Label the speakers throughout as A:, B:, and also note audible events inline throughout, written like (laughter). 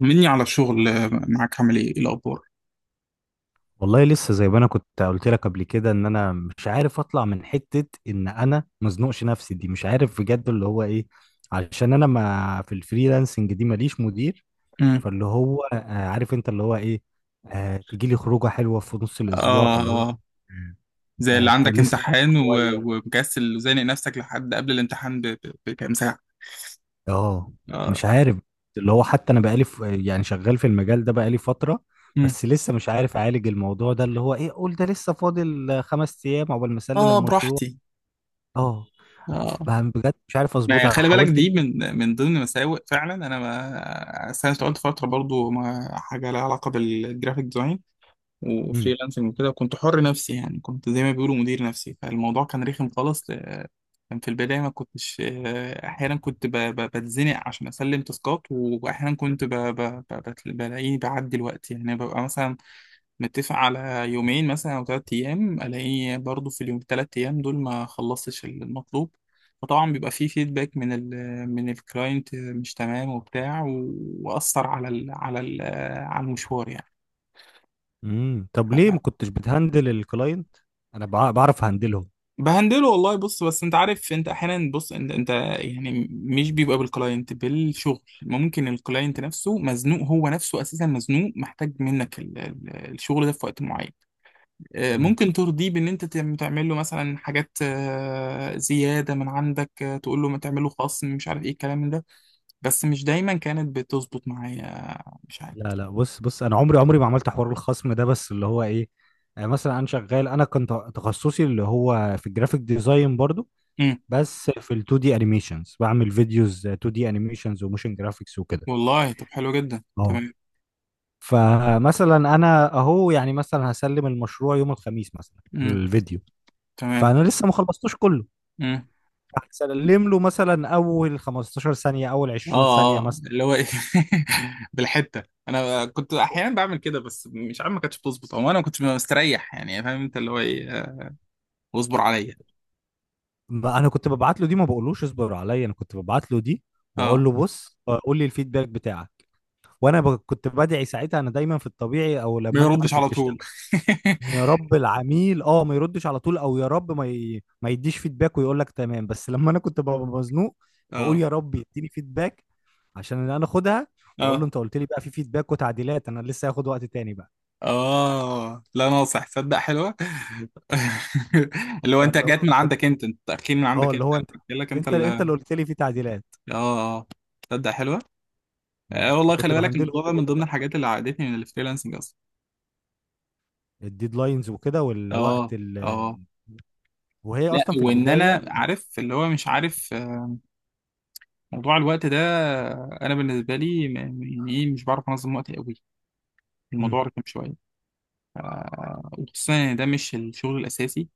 A: طمني على الشغل آه، معاك؟ عامل ايه؟ إيه الاخبار؟
B: والله لسه زي ما انا كنت قلت لك قبل كده ان انا مش عارف اطلع من حتة ان انا مزنوقش نفسي دي مش عارف بجد اللي هو ايه، علشان انا ما في الفريلانسنج دي ماليش مدير.
A: امم.
B: فاللي هو عارف انت اللي هو ايه، آه تيجي لي خروجة حلوة في نص الاسبوع فاللي هو
A: اه، زي اللي
B: آه
A: عندك
B: لسه
A: امتحان و-
B: شوية.
A: ومكسل وزانق نفسك لحد قبل الامتحان بكام ساعه.
B: اه
A: اه.
B: مش عارف. اللي هو حتى انا بقالي يعني شغال في المجال ده بقالي فترة،
A: امم.
B: بس لسه مش عارف اعالج الموضوع ده اللي هو ايه، قول ده لسه فاضل خمس ايام عقبال ما اسلم
A: اه،
B: المشروع.
A: براحتي.
B: اه
A: اه،
B: ما بجد مش عارف
A: ما
B: اظبطها،
A: خلي بالك
B: حاولت.
A: دي من ضمن مساوئ فعلا. انا ما أصل انا اشتغلت فتره برضو ما حاجه لها علاقه بالجرافيك ديزاين
B: امم
A: وفريلانسنج وكده، وكنت حر نفسي يعني، كنت زي ما بيقولوا مدير نفسي، فالموضوع كان رخم خالص. كان في البداية ما كنتش آه، أحيانا كنت بتزنق عشان أسلم تاسكات، وأحيانا كنت بلاقيه بعدي الوقت، يعني ببقى مثلا متفق على يومين مثلا أو تلات أيام، ألاقيه برضه في اليوم التلات أيام دول ما خلصتش المطلوب. فطبعا بيبقى فيه فيدباك من من الكلاينت مش تمام وبتاع، وأثر على ال على المشوار
B: طب ليه ما
A: يعني.
B: كنتش بتهندل الكلاينت؟ انا بعرف هندلهم.
A: بهندله والله، بص، بس انت عارف، انت احيانا، بص انت يعني مش بيبقى بالكلاينت، بالشغل، ممكن الكلاينت نفسه مزنوق، هو نفسه اساسا مزنوق، محتاج منك الشغل ده في وقت معين. اه،
B: امم
A: ممكن ترضيه بان انت تعمل له مثلا حاجات، اه، زياده من عندك، اه، تقول له ما تعمل له خصم، مش عارف ايه الكلام ده. بس مش دايما كانت بتظبط معايا. مش عارف.
B: لا بص، انا عمري ما عملت حوار الخصم ده، بس اللي هو ايه، مثلا انا شغال، انا كنت تخصصي اللي هو في الجرافيك ديزاين برضو،
A: امم.
B: بس في ال 2 دي انيميشنز، بعمل فيديوز 2 دي انيميشنز وموشن جرافيكس وكده.
A: والله طب حلو جدا،
B: اه
A: تمام.
B: فمثلا انا اهو، يعني مثلا هسلم المشروع يوم الخميس مثلا
A: امم.
B: الفيديو،
A: تمام.
B: فانا لسه ما خلصتوش كله.
A: امم.
B: سلم له مثلا اول 15 ثانيه اول 20
A: اه
B: ثانيه
A: اه،
B: مثلا.
A: اللي هو ايه. (laughs) بالحته. انا كنت احيانا بعمل كده، بس مش عارف ما كانتش بتظبط، او انا ما كنتش مستريح، يعني فاهم انت اللي هو ايه؟ آه، واصبر عليا.
B: ما انا كنت ببعت له دي، ما بقولوش اصبر عليا، انا كنت ببعت له دي واقول
A: اه،
B: له بص قول لي الفيدباك بتاعك. وانا كنت بدعي ساعتها، انا دايما في الطبيعي او
A: ما
B: لما انت
A: يردش
B: كنت
A: على
B: بتشتغل،
A: طول.
B: إن يا رب العميل اه ما يردش على طول، او يا رب ما يديش فيدباك ويقول لك تمام. بس لما انا كنت ببقى مزنوق
A: (laughs)
B: بقول
A: اه.
B: يا رب يديني فيدباك عشان انا اخدها واقول له
A: اه.
B: انت قلت لي بقى في فيدباك وتعديلات، انا لسه هاخد وقت تاني بقى.
A: اه، لا ناصح، تصدق حلوه. (laughs) اللي هو انت
B: فاللي
A: جات
B: هو
A: من
B: كنت
A: عندك انت، انت تاكيد من
B: اه
A: عندك انت،
B: اللي هو انت،
A: قلت لك انت
B: انت
A: اللي
B: انت
A: اه.
B: اللي قلت لي فيه تعديلات.
A: اه. آه. تصدق حلوه.
B: مم.
A: آه والله،
B: فكنت
A: خلي بالك الموضوع
B: بهندلهم
A: ده من
B: بكده
A: ضمن
B: بقى.
A: الحاجات اللي عقدتني من الفريلانسنج اصلا.
B: الديدلاينز وكده،
A: اه.
B: والوقت
A: اه،
B: وهي
A: لا،
B: اصلا في
A: وان
B: البدايه.
A: انا عارف اللي هو مش عارف آه، موضوع الوقت ده، انا بالنسبه لي يعني ايه مش بعرف انظم وقتي قوي.
B: مم.
A: الموضوع رخم شويه. آه، وخصوصا ان ده مش الشغل الاساسي.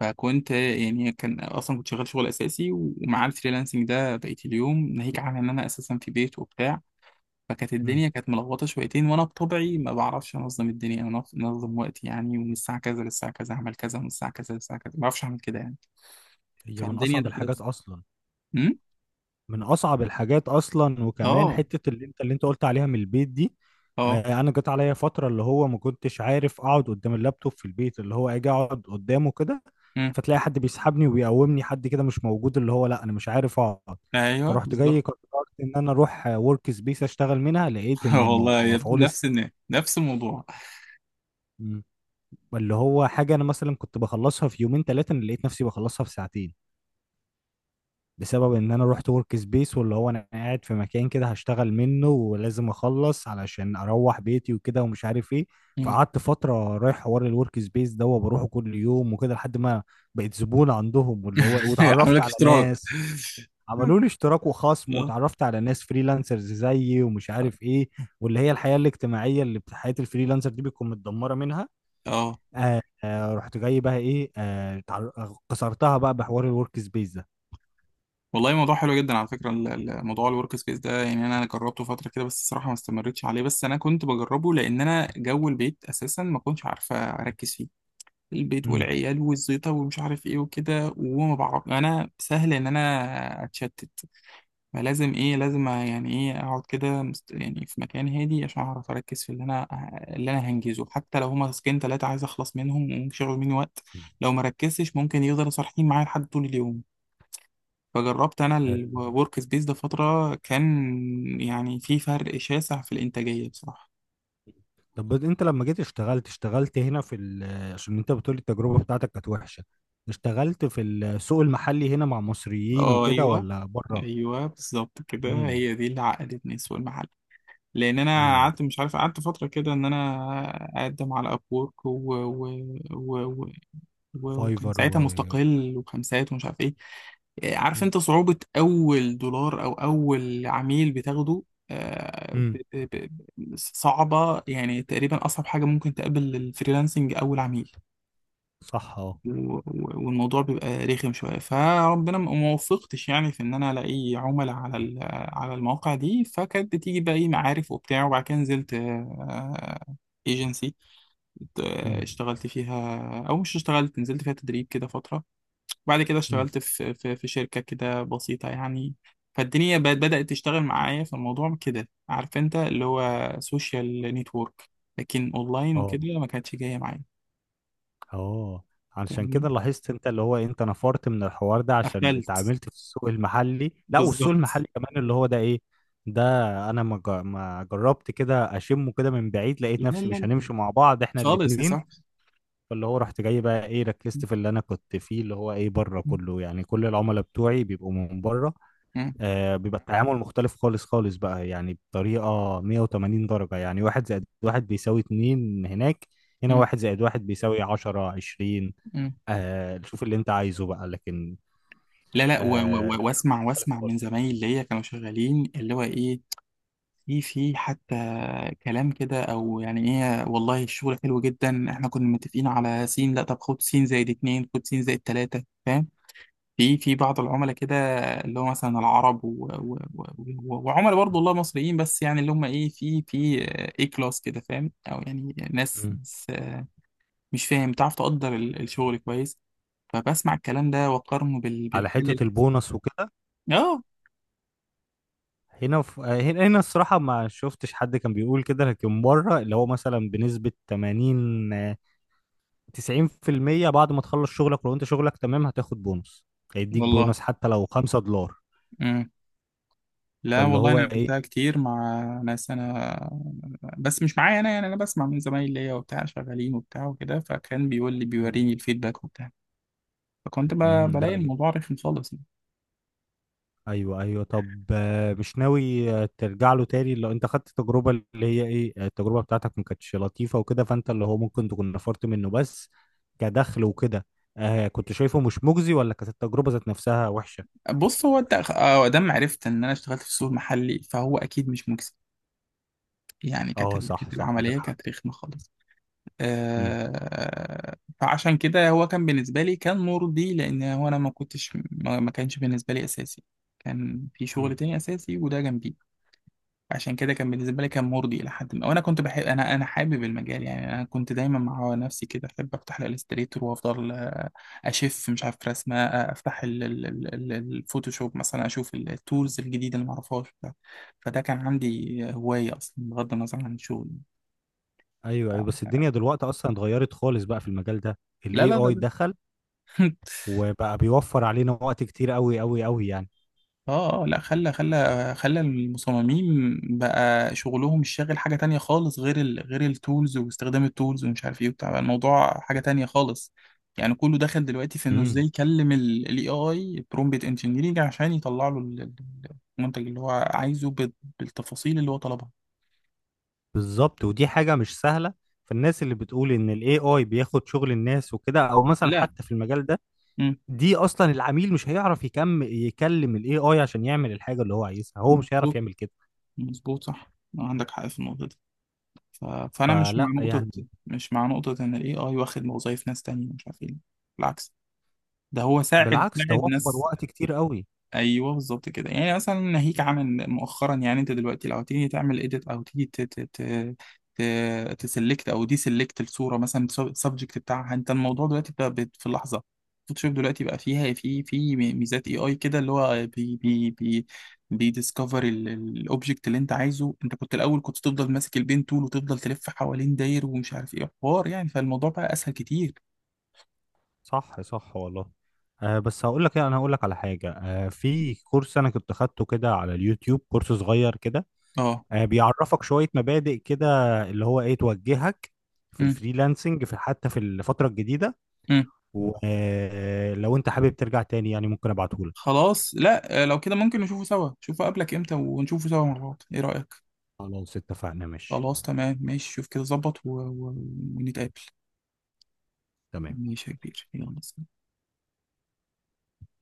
A: فكنت يعني، كان اصلا كنت شغال شغل اساسي، ومع الفريلانسنج ده بقيت اليوم، ناهيك عن ان انا اساسا في بيت وبتاع، فكانت
B: مم.
A: الدنيا كانت ملخبطه شويتين. وانا بطبعي ما بعرفش انظم الدنيا، انا انظم وقتي يعني، ومن الساعه كذا للساعه كذا اعمل كذا، ومن الساعه كذا للساعه كذا، ما بعرفش اعمل كده يعني.
B: هي من
A: فالدنيا
B: اصعب الحاجات
A: دخلت.
B: اصلا.
A: امم.
B: من اصعب الحاجات اصلا، وكمان
A: اه.
B: حته اللي انت قلت عليها من البيت دي.
A: اه.
B: انا جت عليا فتره اللي هو ما كنتش عارف اقعد قدام اللابتوب في البيت، اللي هو اجي اقعد قدامه كده
A: مم.
B: فتلاقي حد بيسحبني وبيقومني، حد كده مش موجود، اللي هو لا انا مش عارف اقعد.
A: ايوه
B: فرحت جاي
A: بالظبط.
B: قررت ان انا اروح ورك سبيس اشتغل منها، لقيت
A: (laughs)
B: ان
A: والله يا ابني،
B: مفعول
A: نفس الناس نفس الموضوع.
B: م. اللي هو حاجه انا مثلا كنت بخلصها في يومين ثلاثه، انا لقيت نفسي بخلصها في ساعتين، بسبب ان انا رحت ورك سبيس واللي هو انا قاعد في مكان كده هشتغل منه ولازم اخلص علشان اروح بيتي وكده ومش عارف ايه.
A: مم.
B: فقعدت فترة رايح حوار الورك سبيس ده وبروحه كل يوم وكده لحد ما بقيت زبون عندهم، واللي هو
A: (laughs) عامل
B: واتعرفت
A: لك
B: على
A: اشتراك.
B: ناس، عملوا لي
A: (laughs)
B: اشتراك وخصم
A: اه.
B: واتعرفت على ناس فريلانسرز زيي ومش عارف ايه، واللي هي الحياة الاجتماعية اللي حياة الفريلانسر دي بتكون متدمرة منها.
A: اه.
B: آه رحت جاي بقى ايه آه كسرتها بقى بحوار الورك سبيس ده.
A: والله موضوع حلو جدا على فكره، موضوع الورك سبيس ده، يعني انا جربته فتره كده، بس الصراحه ما استمرتش عليه. بس انا كنت بجربه لان انا جو البيت اساسا ما كنتش عارفه اركز فيه. البيت والعيال والزيطه ومش عارف ايه وكده، وما بعرف، انا سهل ان انا اتشتت. فلازم ايه، لازم يعني ايه اقعد كده يعني في مكان هادي عشان اعرف اركز في اللي انا اللي انا هنجزه، حتى لو هما تاسكين تلاتة عايز اخلص منهم وممكن مني وقت، لو ما ركزتش ممكن يفضلوا صارحين معايا لحد طول اليوم. فجربت انا
B: مم.
A: الورك سبيس ده فترة، كان يعني في فرق شاسع في الانتاجية بصراحة.
B: طب انت لما جيت اشتغلت، اشتغلت هنا في عشان انت بتقول التجربة بتاعتك كانت وحشة، اشتغلت في السوق المحلي هنا مع مصريين
A: اه.
B: وكده
A: ايوه،
B: ولا بره؟
A: ايوه بالظبط كده،
B: امم
A: هي دي اللي عقدتني سوق المحل. لان انا
B: امم
A: قعدت مش عارف، قعدت فتره كده ان انا اقدم على ابورك و... وكان
B: فايفر و...
A: ساعتها مستقل وخمسات ومش عارف ايه. آه، عارف
B: امم
A: انت صعوبة أول دولار أو أول عميل بتاخده؟ آه،
B: إمم.
A: صعبة يعني، تقريبا أصعب حاجة ممكن تقابل الفريلانسنج أول عميل.
B: صح اه
A: و- و- والموضوع بيبقى رخم شوية. فربنا ما وفقتش يعني في إن أنا ألاقي عملاء على على المواقع دي. فكانت بتيجي بقى إيه، معارف وبتاع، وبعد كده نزلت ايجنسي،
B: امم
A: اشتغلت فيها، أو مش اشتغلت، نزلت فيها تدريب كده فترة. بعد كده
B: امم
A: اشتغلت في شركة كده بسيطة يعني. فالدنيا بقت بدأت تشتغل معايا في الموضوع كده، عارف انت اللي هو سوشيال نتورك، لكن اونلاين
B: اه
A: وكده ما كانتش جاية معايا.
B: اه. علشان
A: فاهمني،
B: كده لاحظت انت اللي هو انت نفرت من الحوار ده عشان
A: قفلت
B: اتعاملت في السوق المحلي؟ لا والسوق
A: بالظبط.
B: المحلي كمان اللي هو ده ايه ده، انا ما جربت كده اشمه كده من بعيد، لقيت
A: لا لا
B: نفسي مش
A: لا.
B: هنمشي مع بعض احنا
A: خالص يا
B: الاتنين.
A: صاحبي.
B: فاللي هو رحت جاي بقى ايه، ركزت في اللي انا كنت فيه اللي هو ايه بره
A: م-
B: كله، يعني كل العملاء بتوعي بيبقوا من بره.
A: م-
B: آه بيبقى التعامل مختلف خالص بقى، يعني بطريقة 180 درجة، يعني واحد زائد واحد بيساوي اتنين هناك، هنا
A: م-
B: واحد زائد واحد بيساوي عشرة عشرين،
A: م.
B: آه شوف اللي انت عايزه بقى. لكن
A: لا لا،
B: آه
A: واسمع،
B: مختلف
A: واسمع من
B: خالص.
A: زمايلي اللي هي كانوا شغالين، اللي هو ايه، في حتى كلام كده، او يعني ايه والله الشغل حلو جدا، احنا كنا متفقين على سين، لا طب خد سين زائد اتنين، خد سين زائد تلاتة، فاهم؟ في بعض العملاء كده، اللي هو مثلا العرب وعملاء برضه
B: م-
A: والله مصريين، بس يعني اللي هم ايه، في اي كلاس كده، فاهم؟ او يعني ناس,
B: م.
A: ناس آه، مش فاهم، بتعرف تقدر الشغل كويس. فبسمع الكلام ده واقارنه
B: على
A: بالحل اللي
B: حتة البونص وكده،
A: اه.
B: هنا في هنا الصراحة ما شفتش حد كان بيقول كده، لكن بره اللي هو مثلا بنسبة 80 90% بعد ما تخلص شغلك، ولو انت شغلك تمام هتاخد بونص، هيديك
A: والله
B: بونص حتى لو 5$.
A: لا
B: فاللي
A: والله،
B: هو
A: انا
B: ايه.
A: قابلتها كتير مع ناس، انا بس مش معايا انا يعني، انا بسمع من زمايلي ليا وبتاع شغالين وبتاع وكده، فكان بيقول لي
B: مم.
A: بيوريني الفيدباك وبتاع. فكنت
B: مم، لا
A: بلاقي
B: ج-
A: الموضوع رخم خالص يعني.
B: ايوه طب مش ناوي ترجع له تاني؟ لو انت خدت تجربة اللي هي ايه، التجربة بتاعتك ما كانتش لطيفة وكده، فانت اللي هو ممكن تكون نفرت منه، بس كدخل وكده آه كنت شايفه مش مجزي ولا كانت التجربة ذات نفسها وحشة؟
A: بص، هو انت آه، دام عرفت ان انا اشتغلت في السوق المحلي فهو اكيد مش مكسب يعني. كانت
B: اه صح
A: كانت
B: صح
A: العمليه
B: عندك حق
A: كانت رخمه خالص.
B: مم.
A: آه. فعشان كده هو كان بالنسبه لي كان مرضي، لان هو انا ما كنتش، ما كانش بالنسبه لي اساسي، كان في
B: مم.
A: شغل تاني اساسي، وده جنبي. عشان كده كان بالنسبه لي كان مرضي الى حد ما. وانا كنت بحب، انا حابب المجال يعني، انا كنت دايما مع نفسي كده احب افتح الالستريتور، وافضل آه، اشف مش عارف رسمه، آه، افتح الفوتوشوب مثلا، اشوف التولز الجديده اللي ما اعرفهاش. فده كان عندي هوايه اصلا بغض النظر عن الشغل.
B: ايوه بس الدنيا دلوقتي اصلا اتغيرت خالص بقى في المجال ده،
A: لا
B: الاي
A: لا لا
B: اي
A: لا.
B: دخل
A: (laughs)
B: وبقى بيوفر علينا وقت كتير قوي يعني.
A: اه. اه، لا، خلى المصممين بقى شغلهم الشاغل حاجة تانية خالص، غير ال غير التولز واستخدام التولز ومش عارف ايه وبتاع. بقى الموضوع حاجة تانية خالص يعني. كله دخل دلوقتي في انه ازاي
B: امم
A: يكلم الاي اي، برومبت انجينيرنج عشان يطلع له المنتج اللي هو عايزه بالتفاصيل اللي هو طلبها.
B: بالظبط ودي حاجة مش سهلة. فالناس اللي بتقول ان الاي اي بياخد شغل الناس وكده، او مثلا
A: لا.
B: حتى في المجال ده،
A: مم.
B: دي اصلا العميل مش هيعرف يكلم الاي اي عشان يعمل الحاجة اللي هو عايزها، هو مش هيعرف
A: مظبوط،
B: يعمل كده،
A: مظبوط صح، عندك حق في النقطة دي. فأنا مش مع
B: فلا
A: نقطة،
B: يعني.
A: مش مع نقطة إن ال AI واخد وظايف ناس تانية مش عارف ايه. بالعكس، ده هو ساعد،
B: بالعكس ده
A: ساعد
B: وفر
A: ناس.
B: وقت كتير قوي.
A: ايوه بالظبط كده يعني، مثلا ناهيك عمل مؤخرا يعني، انت دلوقتي لو تيجي تعمل اديت، او تيجي ت ت ت ت تسلكت او دي سلكت الصوره مثلا، السبجكت بتاعها انت، الموضوع دلوقتي بقى في اللحظه. فوتوشوب دلوقتي بقى فيها، في ميزات اي اي كده، اللي هو بي بي بي بيديسكفر الاوبجكت اللي انت عايزه. انت كنت الاول كنت تفضل ماسك البين تول وتفضل تلف حوالين داير ومش عارف ايه حوار يعني. فالموضوع بقى اسهل كتير.
B: صح والله. آه بس هقول لك ايه، انا هقول لك على حاجة آه في كورس انا كنت خدته كده على اليوتيوب، كورس صغير كده،
A: اه.
B: بيعرفك شوية مبادئ كده اللي هو ايه توجهك في
A: إمم.
B: الفريلانسنج في حتى في الفترة الجديدة،
A: إمم.
B: ولو انت حابب ترجع تاني يعني ممكن ابعتهولك.
A: خلاص، لا آه، لو كده ممكن نشوفه سوا، شوفه قبلك امتى ونشوفه سوا مرات، ايه رأيك؟
B: خلاص اتفقنا ماشي
A: خلاص تمام ماشي، شوف كده ظبط ونتقابل.
B: تمام.
A: ماشي يا كبير، يلا سلام.